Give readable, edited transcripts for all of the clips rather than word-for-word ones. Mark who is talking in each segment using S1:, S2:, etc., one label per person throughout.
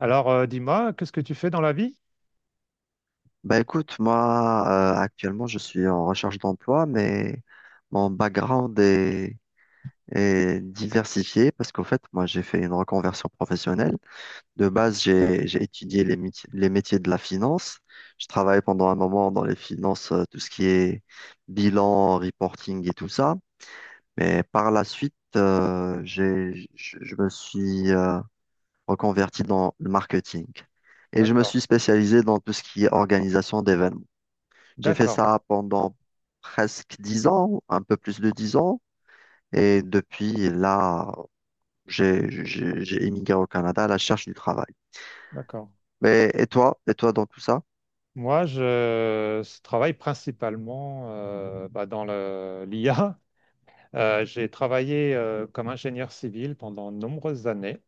S1: Alors, dis-moi, qu'est-ce que tu fais dans la vie?
S2: Bah écoute, moi actuellement je suis en recherche d'emploi, mais mon background est diversifié parce qu'au fait moi j'ai fait une reconversion professionnelle. De base j'ai étudié les métiers de la finance. Je travaillais pendant un moment dans les finances, tout ce qui est bilan, reporting et tout ça. Mais par la suite je me suis reconverti dans le marketing et je me
S1: D'accord.
S2: suis spécialisé dans tout ce qui est organisation d'événements. J'ai fait
S1: D'accord,
S2: ça pendant presque 10 ans, un peu plus de 10 ans. Et depuis là, j'ai émigré au Canada à la recherche du travail.
S1: d'accord.
S2: Mais et toi? Et toi dans tout ça?
S1: Moi, je travaille principalement bah, dans l'IA. J'ai travaillé comme ingénieur civil pendant de nombreuses années.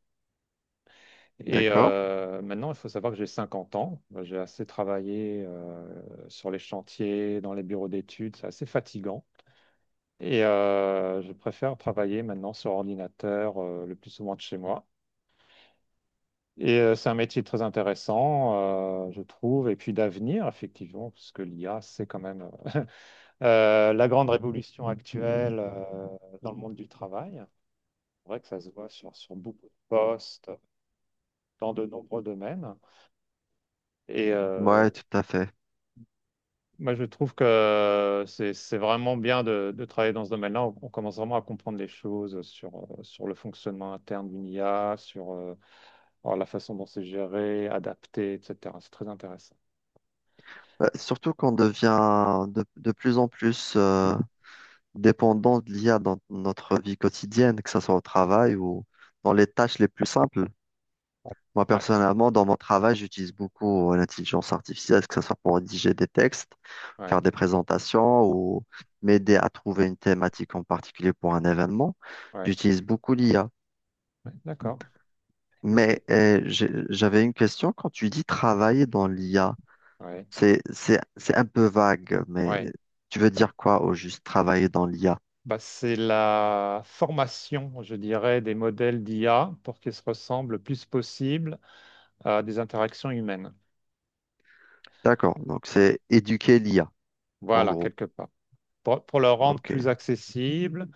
S1: Et
S2: D'accord?
S1: maintenant, il faut savoir que j'ai 50 ans. Bah, j'ai assez travaillé sur les chantiers, dans les bureaux d'études. C'est assez fatigant. Et je préfère travailler maintenant sur ordinateur le plus souvent de chez moi. Et c'est un métier très intéressant, je trouve, et puis d'avenir, effectivement, parce que l'IA, c'est quand même la grande révolution actuelle dans le monde du travail. C'est vrai que ça se voit sur beaucoup de postes, dans de nombreux domaines. Et
S2: Ouais, tout à fait.
S1: moi, je trouve que c'est vraiment bien de travailler dans ce domaine-là. On commence vraiment à comprendre les choses sur le fonctionnement interne d'une IA, sur alors, la façon dont c'est géré, adapté, etc. C'est très intéressant.
S2: Bah, surtout qu'on devient de plus en plus dépendant de l'IA dans notre vie quotidienne, que ce soit au travail ou dans les tâches les plus simples. Moi,
S1: Ouais,
S2: personnellement, dans mon travail, j'utilise beaucoup l'intelligence artificielle, que ce soit pour rédiger des textes,
S1: ouais.
S2: faire des présentations ou m'aider à trouver une thématique en particulier pour un événement.
S1: Ouais,
S2: J'utilise beaucoup l'IA.
S1: ouais, d'accord. Mais ce que...
S2: Mais j'avais une question. Quand tu dis travailler dans l'IA,
S1: Ouais,
S2: c'est un peu vague,
S1: ouais.
S2: mais tu veux
S1: Ouais.
S2: dire quoi au juste travailler dans l'IA?
S1: Bah, c'est la formation, je dirais, des modèles d'IA pour qu'ils se ressemblent le plus possible à des interactions humaines.
S2: D'accord. Donc, c'est éduquer l'IA, en
S1: Voilà,
S2: gros.
S1: quelque part. Pour le rendre
S2: OK.
S1: plus accessible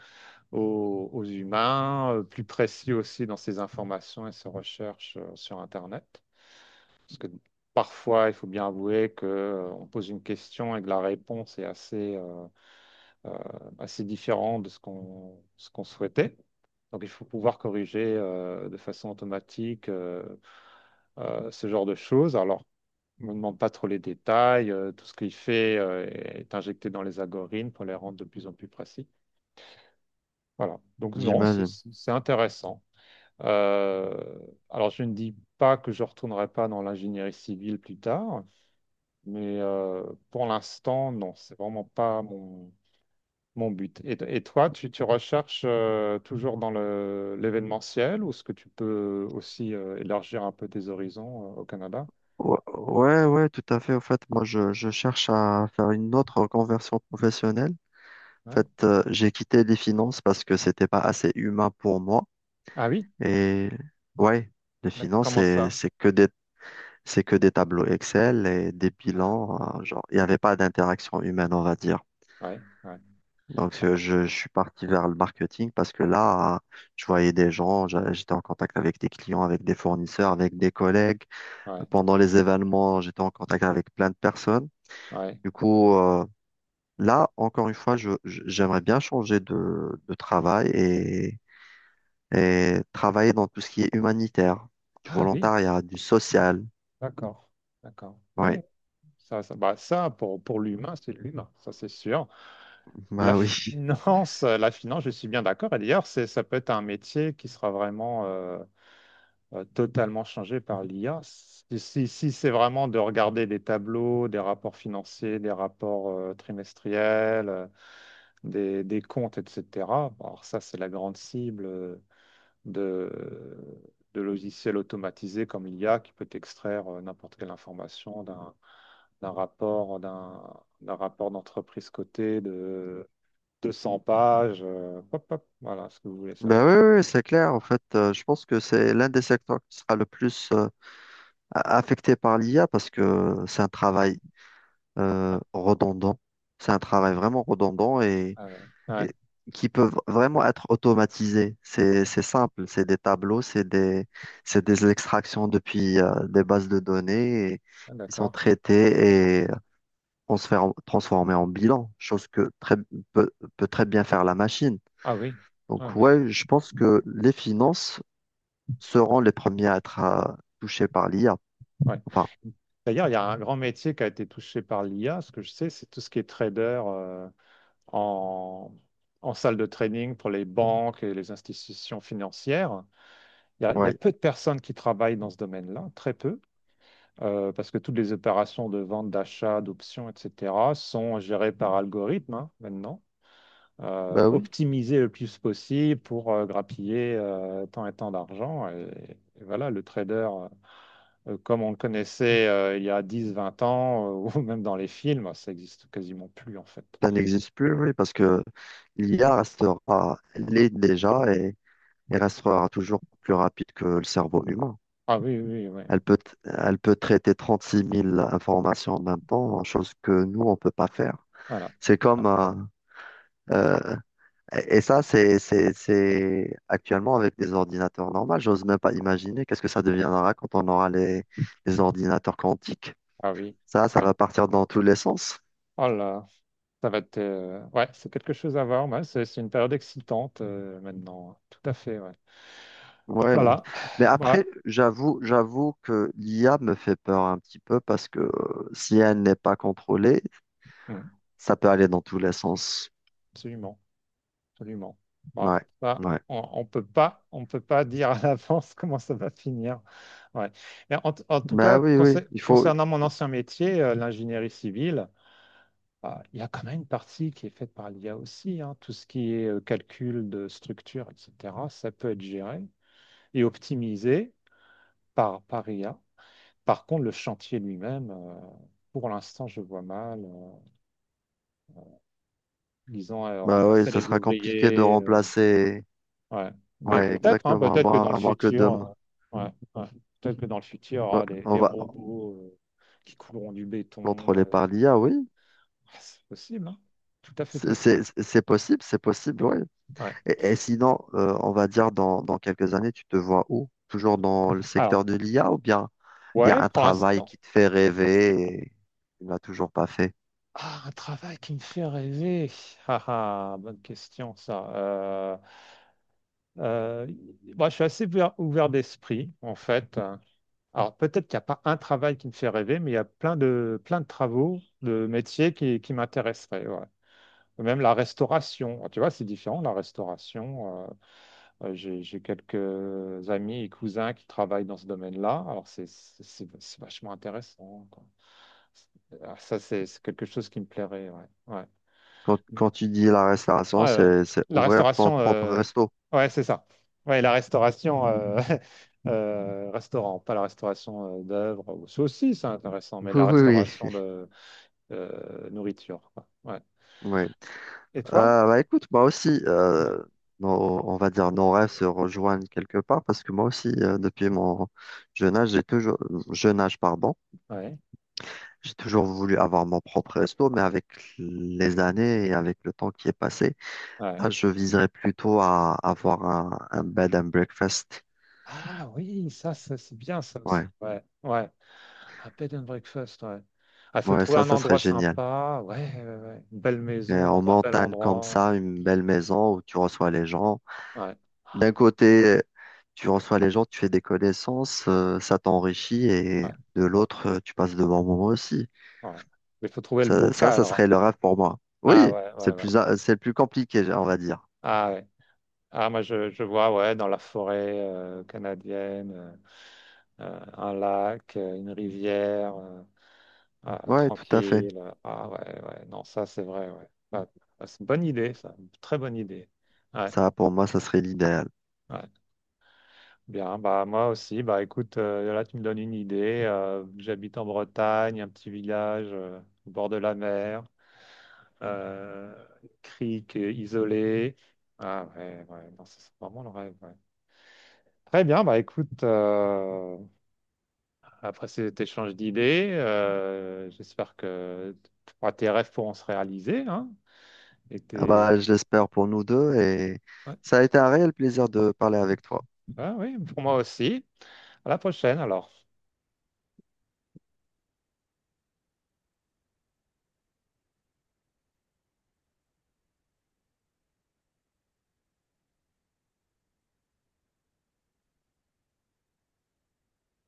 S1: aux humains, plus précis aussi dans ses informations et ses recherches sur Internet. Parce que parfois, il faut bien avouer que, on pose une question et que la réponse est assez, euh, assez différente de ce qu'on souhaitait. Donc, il faut pouvoir corriger de façon automatique ce genre de choses. Alors, on ne demande pas trop les détails. Tout ce qu'il fait est injecté dans les algorithmes pour les rendre de plus en plus précis. Voilà. Donc, non, c'est
S2: J'imagine.
S1: c'est intéressant. Euh, alors, je ne dis pas que je ne retournerai pas dans l'ingénierie civile plus tard, mais pour l'instant, non, c'est vraiment pas mon but. Et toi, tu recherches toujours dans l'événementiel ou est-ce que tu peux aussi élargir un peu tes horizons au Canada?
S2: Ouais, ouais, ouais, tout à fait. En fait, moi, je cherche à faire une autre conversion professionnelle. En
S1: Ouais.
S2: fait, j'ai quitté les finances parce que c'était pas assez humain pour moi.
S1: Ah oui?
S2: Et ouais, les finances,
S1: Comment
S2: c'est,
S1: ça?
S2: c'est que des, c'est que des tableaux Excel et des
S1: Ah,
S2: bilans, hein, genre, il n'y avait pas d'interaction humaine, on va dire.
S1: ouais, ouais,
S2: Donc, je suis parti vers le marketing parce que là, je voyais des gens, j'étais en contact avec des clients, avec des fournisseurs, avec des collègues.
S1: ouais,
S2: Pendant les événements, j'étais en contact avec plein de personnes.
S1: ouais.
S2: Du coup, là, encore une fois, j'aimerais bien changer de travail et travailler dans tout ce qui est humanitaire, du
S1: Ah oui,
S2: volontariat, du social.
S1: d'accord, d'accord.
S2: Oui.
S1: Oui, ça, bah, ça pour l'humain, c'est de l'humain, ça c'est sûr. La
S2: Bah oui.
S1: finance, la finance, je suis bien d'accord. Et d'ailleurs, c'est, ça peut être un métier qui sera vraiment totalement changé par l'IA. Si c'est vraiment de regarder des tableaux, des rapports financiers, des rapports trimestriels, des comptes, etc. Alors ça, c'est la grande cible de, de logiciels automatisés comme l'IA qui peut extraire n'importe quelle information d'un rapport, d'un rapport d'entreprise cotée de 200 pages. Hop, hop, voilà ce que vous voulez
S2: Bah
S1: savoir.
S2: oui, oui, c'est
S1: Ouais,
S2: clair. En fait, je pense que c'est l'un des secteurs qui sera le plus affecté par l'IA parce que c'est un travail redondant. C'est un travail vraiment redondant
S1: ah ouais, ouais,
S2: et- qui peuvent vraiment être automatisés. C'est simple, c'est des tableaux, c'est des extractions depuis des bases de données et
S1: ah,
S2: qui sont
S1: d'accord.
S2: traitées et transformées en bilan, chose que peut, peut très bien faire la machine.
S1: Ah oui.
S2: Donc
S1: Ouais.
S2: ouais, je pense que les finances seront les premiers à être touchés par l'IA.
S1: Ouais.
S2: Enfin,
S1: D'ailleurs, il y a un grand métier qui a été touché par l'IA. Ce que je sais, c'est tout ce qui est trader en, en salle de trading pour les banques et les institutions financières. Il y a
S2: ouais,
S1: peu de personnes qui travaillent dans ce domaine-là, très peu, parce que toutes les opérations de vente, d'achat, d'options, etc., sont gérées par algorithme hein, maintenant,
S2: bah oui,
S1: optimisées le plus possible pour grappiller tant et tant d'argent. Et voilà, le trader. Comme on le connaissait il y a 10, 20 ans, ou même dans les films, ça existe quasiment plus en fait.
S2: ça n'existe plus, oui, parce que l'IA restera, l'est déjà il restera toujours plus rapide que le cerveau humain.
S1: Ah oui, oui, oui, ouais.
S2: Elle peut, elle peut traiter 36 000 informations en même temps, chose que nous, on ne peut pas faire.
S1: Voilà.
S2: C'est comme... euh, euh, et ça, c'est actuellement avec des ordinateurs normaux. J'ose même pas imaginer qu'est-ce que ça deviendra quand on aura les ordinateurs quantiques.
S1: Ah oui,
S2: Ça
S1: ouais.
S2: va partir dans tous les sens.
S1: Oh là, ça va être... ouais, c'est quelque chose à voir, ouais, c'est une période excitante maintenant, hein. Tout à fait, ouais.
S2: Ouais,
S1: Voilà,
S2: mais après,
S1: voilà,
S2: j'avoue que l'IA me fait peur un petit peu parce que si elle n'est pas contrôlée,
S1: mm,
S2: ça peut aller dans tous les sens.
S1: absolument, absolument. Voilà.
S2: Ouais,
S1: Ça,
S2: ouais.
S1: on peut pas dire à l'avance comment ça va finir. Ouais. Mais en tout
S2: Bah
S1: cas,
S2: oui, oui, il faut.
S1: concernant mon ancien métier, l'ingénierie civile. Ah, il y a quand même une partie qui est faite par l'IA aussi, hein. Tout ce qui est calcul de structure, etc., ça peut être géré et optimisé par IA. Par contre, le chantier lui-même, pour l'instant, je vois mal, disons,
S2: Bah oui,
S1: remplacer
S2: ça
S1: les
S2: sera compliqué de
S1: ouvriers.
S2: remplacer.
S1: Ouais. Mais
S2: Ouais,
S1: peut-être, hein,
S2: exactement. À
S1: peut-être que
S2: moins,
S1: dans le
S2: à moins que Dom.
S1: futur, ouais, ouais. Peut-être que dans le futur, il y
S2: Ouais,
S1: aura des,
S2: on
S1: des
S2: va
S1: robots qui couleront du béton.
S2: contrôler par l'IA, oui.
S1: Ah, c'est possible, hein. Tout à fait
S2: C'est
S1: possible.
S2: c'est- c'est possible, c'est possible, oui.
S1: Ouais.
S2: Et sinon, on va dire dans quelques années, tu te vois où? Toujours dans le
S1: Alors,
S2: secteur de l'IA, ou bien il y a
S1: ouais,
S2: un
S1: pour
S2: travail
S1: l'instant,
S2: qui te fait rêver et tu ne l'as toujours pas fait.
S1: ah, un travail qui me fait rêver. Ah, ah, bonne question, ça. Euh, Moi, je suis assez ouvert, ouvert d'esprit, en fait. Alors, peut-être qu'il n'y a pas un travail qui me fait rêver, mais il y a plein de travaux, de métiers qui m'intéresseraient. Ouais. Même la restauration. Tu vois, c'est différent, la restauration. J'ai quelques amis et cousins qui travaillent dans ce domaine-là. Alors, c'est vachement intéressant, quoi. Ah, ça, c'est quelque chose qui me plairait. Ouais. Ouais.
S2: Quand tu dis la
S1: Ouais,
S2: restauration, c'est
S1: la
S2: ouvrir ton
S1: restauration,
S2: propre resto.
S1: ouais, c'est ça. Ouais, la restauration, restaurant, pas la restauration d'œuvres ou ça aussi, c'est intéressant, mais
S2: Oui,
S1: la
S2: oui, oui.
S1: restauration de nourriture, quoi. Ouais.
S2: Oui.
S1: Et toi?
S2: Bah écoute, moi aussi,
S1: Ouais.
S2: on va dire nos rêves se rejoignent quelque part parce que moi aussi, depuis mon jeune âge, j'ai toujours, jeune âge, pardon,
S1: Ouais.
S2: j'ai toujours voulu avoir mon propre resto, mais avec les années et avec le temps qui est passé,
S1: Ouais.
S2: là, je viserais plutôt à avoir un bed and breakfast.
S1: Ah oui, ça, c'est bien, ça aussi.
S2: Ouais,
S1: Ouais, ouais. Ah, bed and breakfast, ouais. Il faut
S2: ouais,
S1: trouver
S2: ça,
S1: un
S2: ça serait
S1: endroit
S2: génial.
S1: sympa, ouais, ouais, ouais. Une belle
S2: Et
S1: maison
S2: en
S1: dans un bel
S2: montagne comme
S1: endroit.
S2: ça, une belle maison où tu reçois les gens.
S1: Ouais,
S2: D'un côté, tu reçois les gens, tu fais des connaissances, ça t'enrichit, et
S1: ouais,
S2: de l'autre, tu passes de bons moments aussi.
S1: ouais. Mais il faut trouver le beau
S2: Ça
S1: cadre, hein.
S2: serait le rêve pour moi.
S1: Ah
S2: Oui,
S1: ouais, ouais, ouais.
S2: c'est le plus compliqué, on va dire.
S1: Ah ouais. Ah, moi je vois ouais dans la forêt canadienne un lac, une rivière ah,
S2: Ouais, tout à fait.
S1: tranquille. Ah ouais ouais non ça c'est vrai ouais. Bah, c'est une bonne idée ça, une très bonne idée. Ouais
S2: Ça, pour moi, ça serait l'idéal.
S1: ouais. Bien bah moi aussi bah écoute là tu me donnes une idée. J'habite en Bretagne, un petit village au bord de la mer, euh, crique isolée. Ah ouais ouais non ça, c'est vraiment le rêve. Ouais. Très bien, bah écoute, après cet échange d'idées, j'espère que bah, tes rêves pourront se réaliser, hein, et
S2: Ah bah,
S1: tes...
S2: je l'espère pour nous deux et
S1: ouais,
S2: ça a été un réel plaisir de parler avec toi.
S1: ouais, oui, pour moi aussi. À la prochaine alors.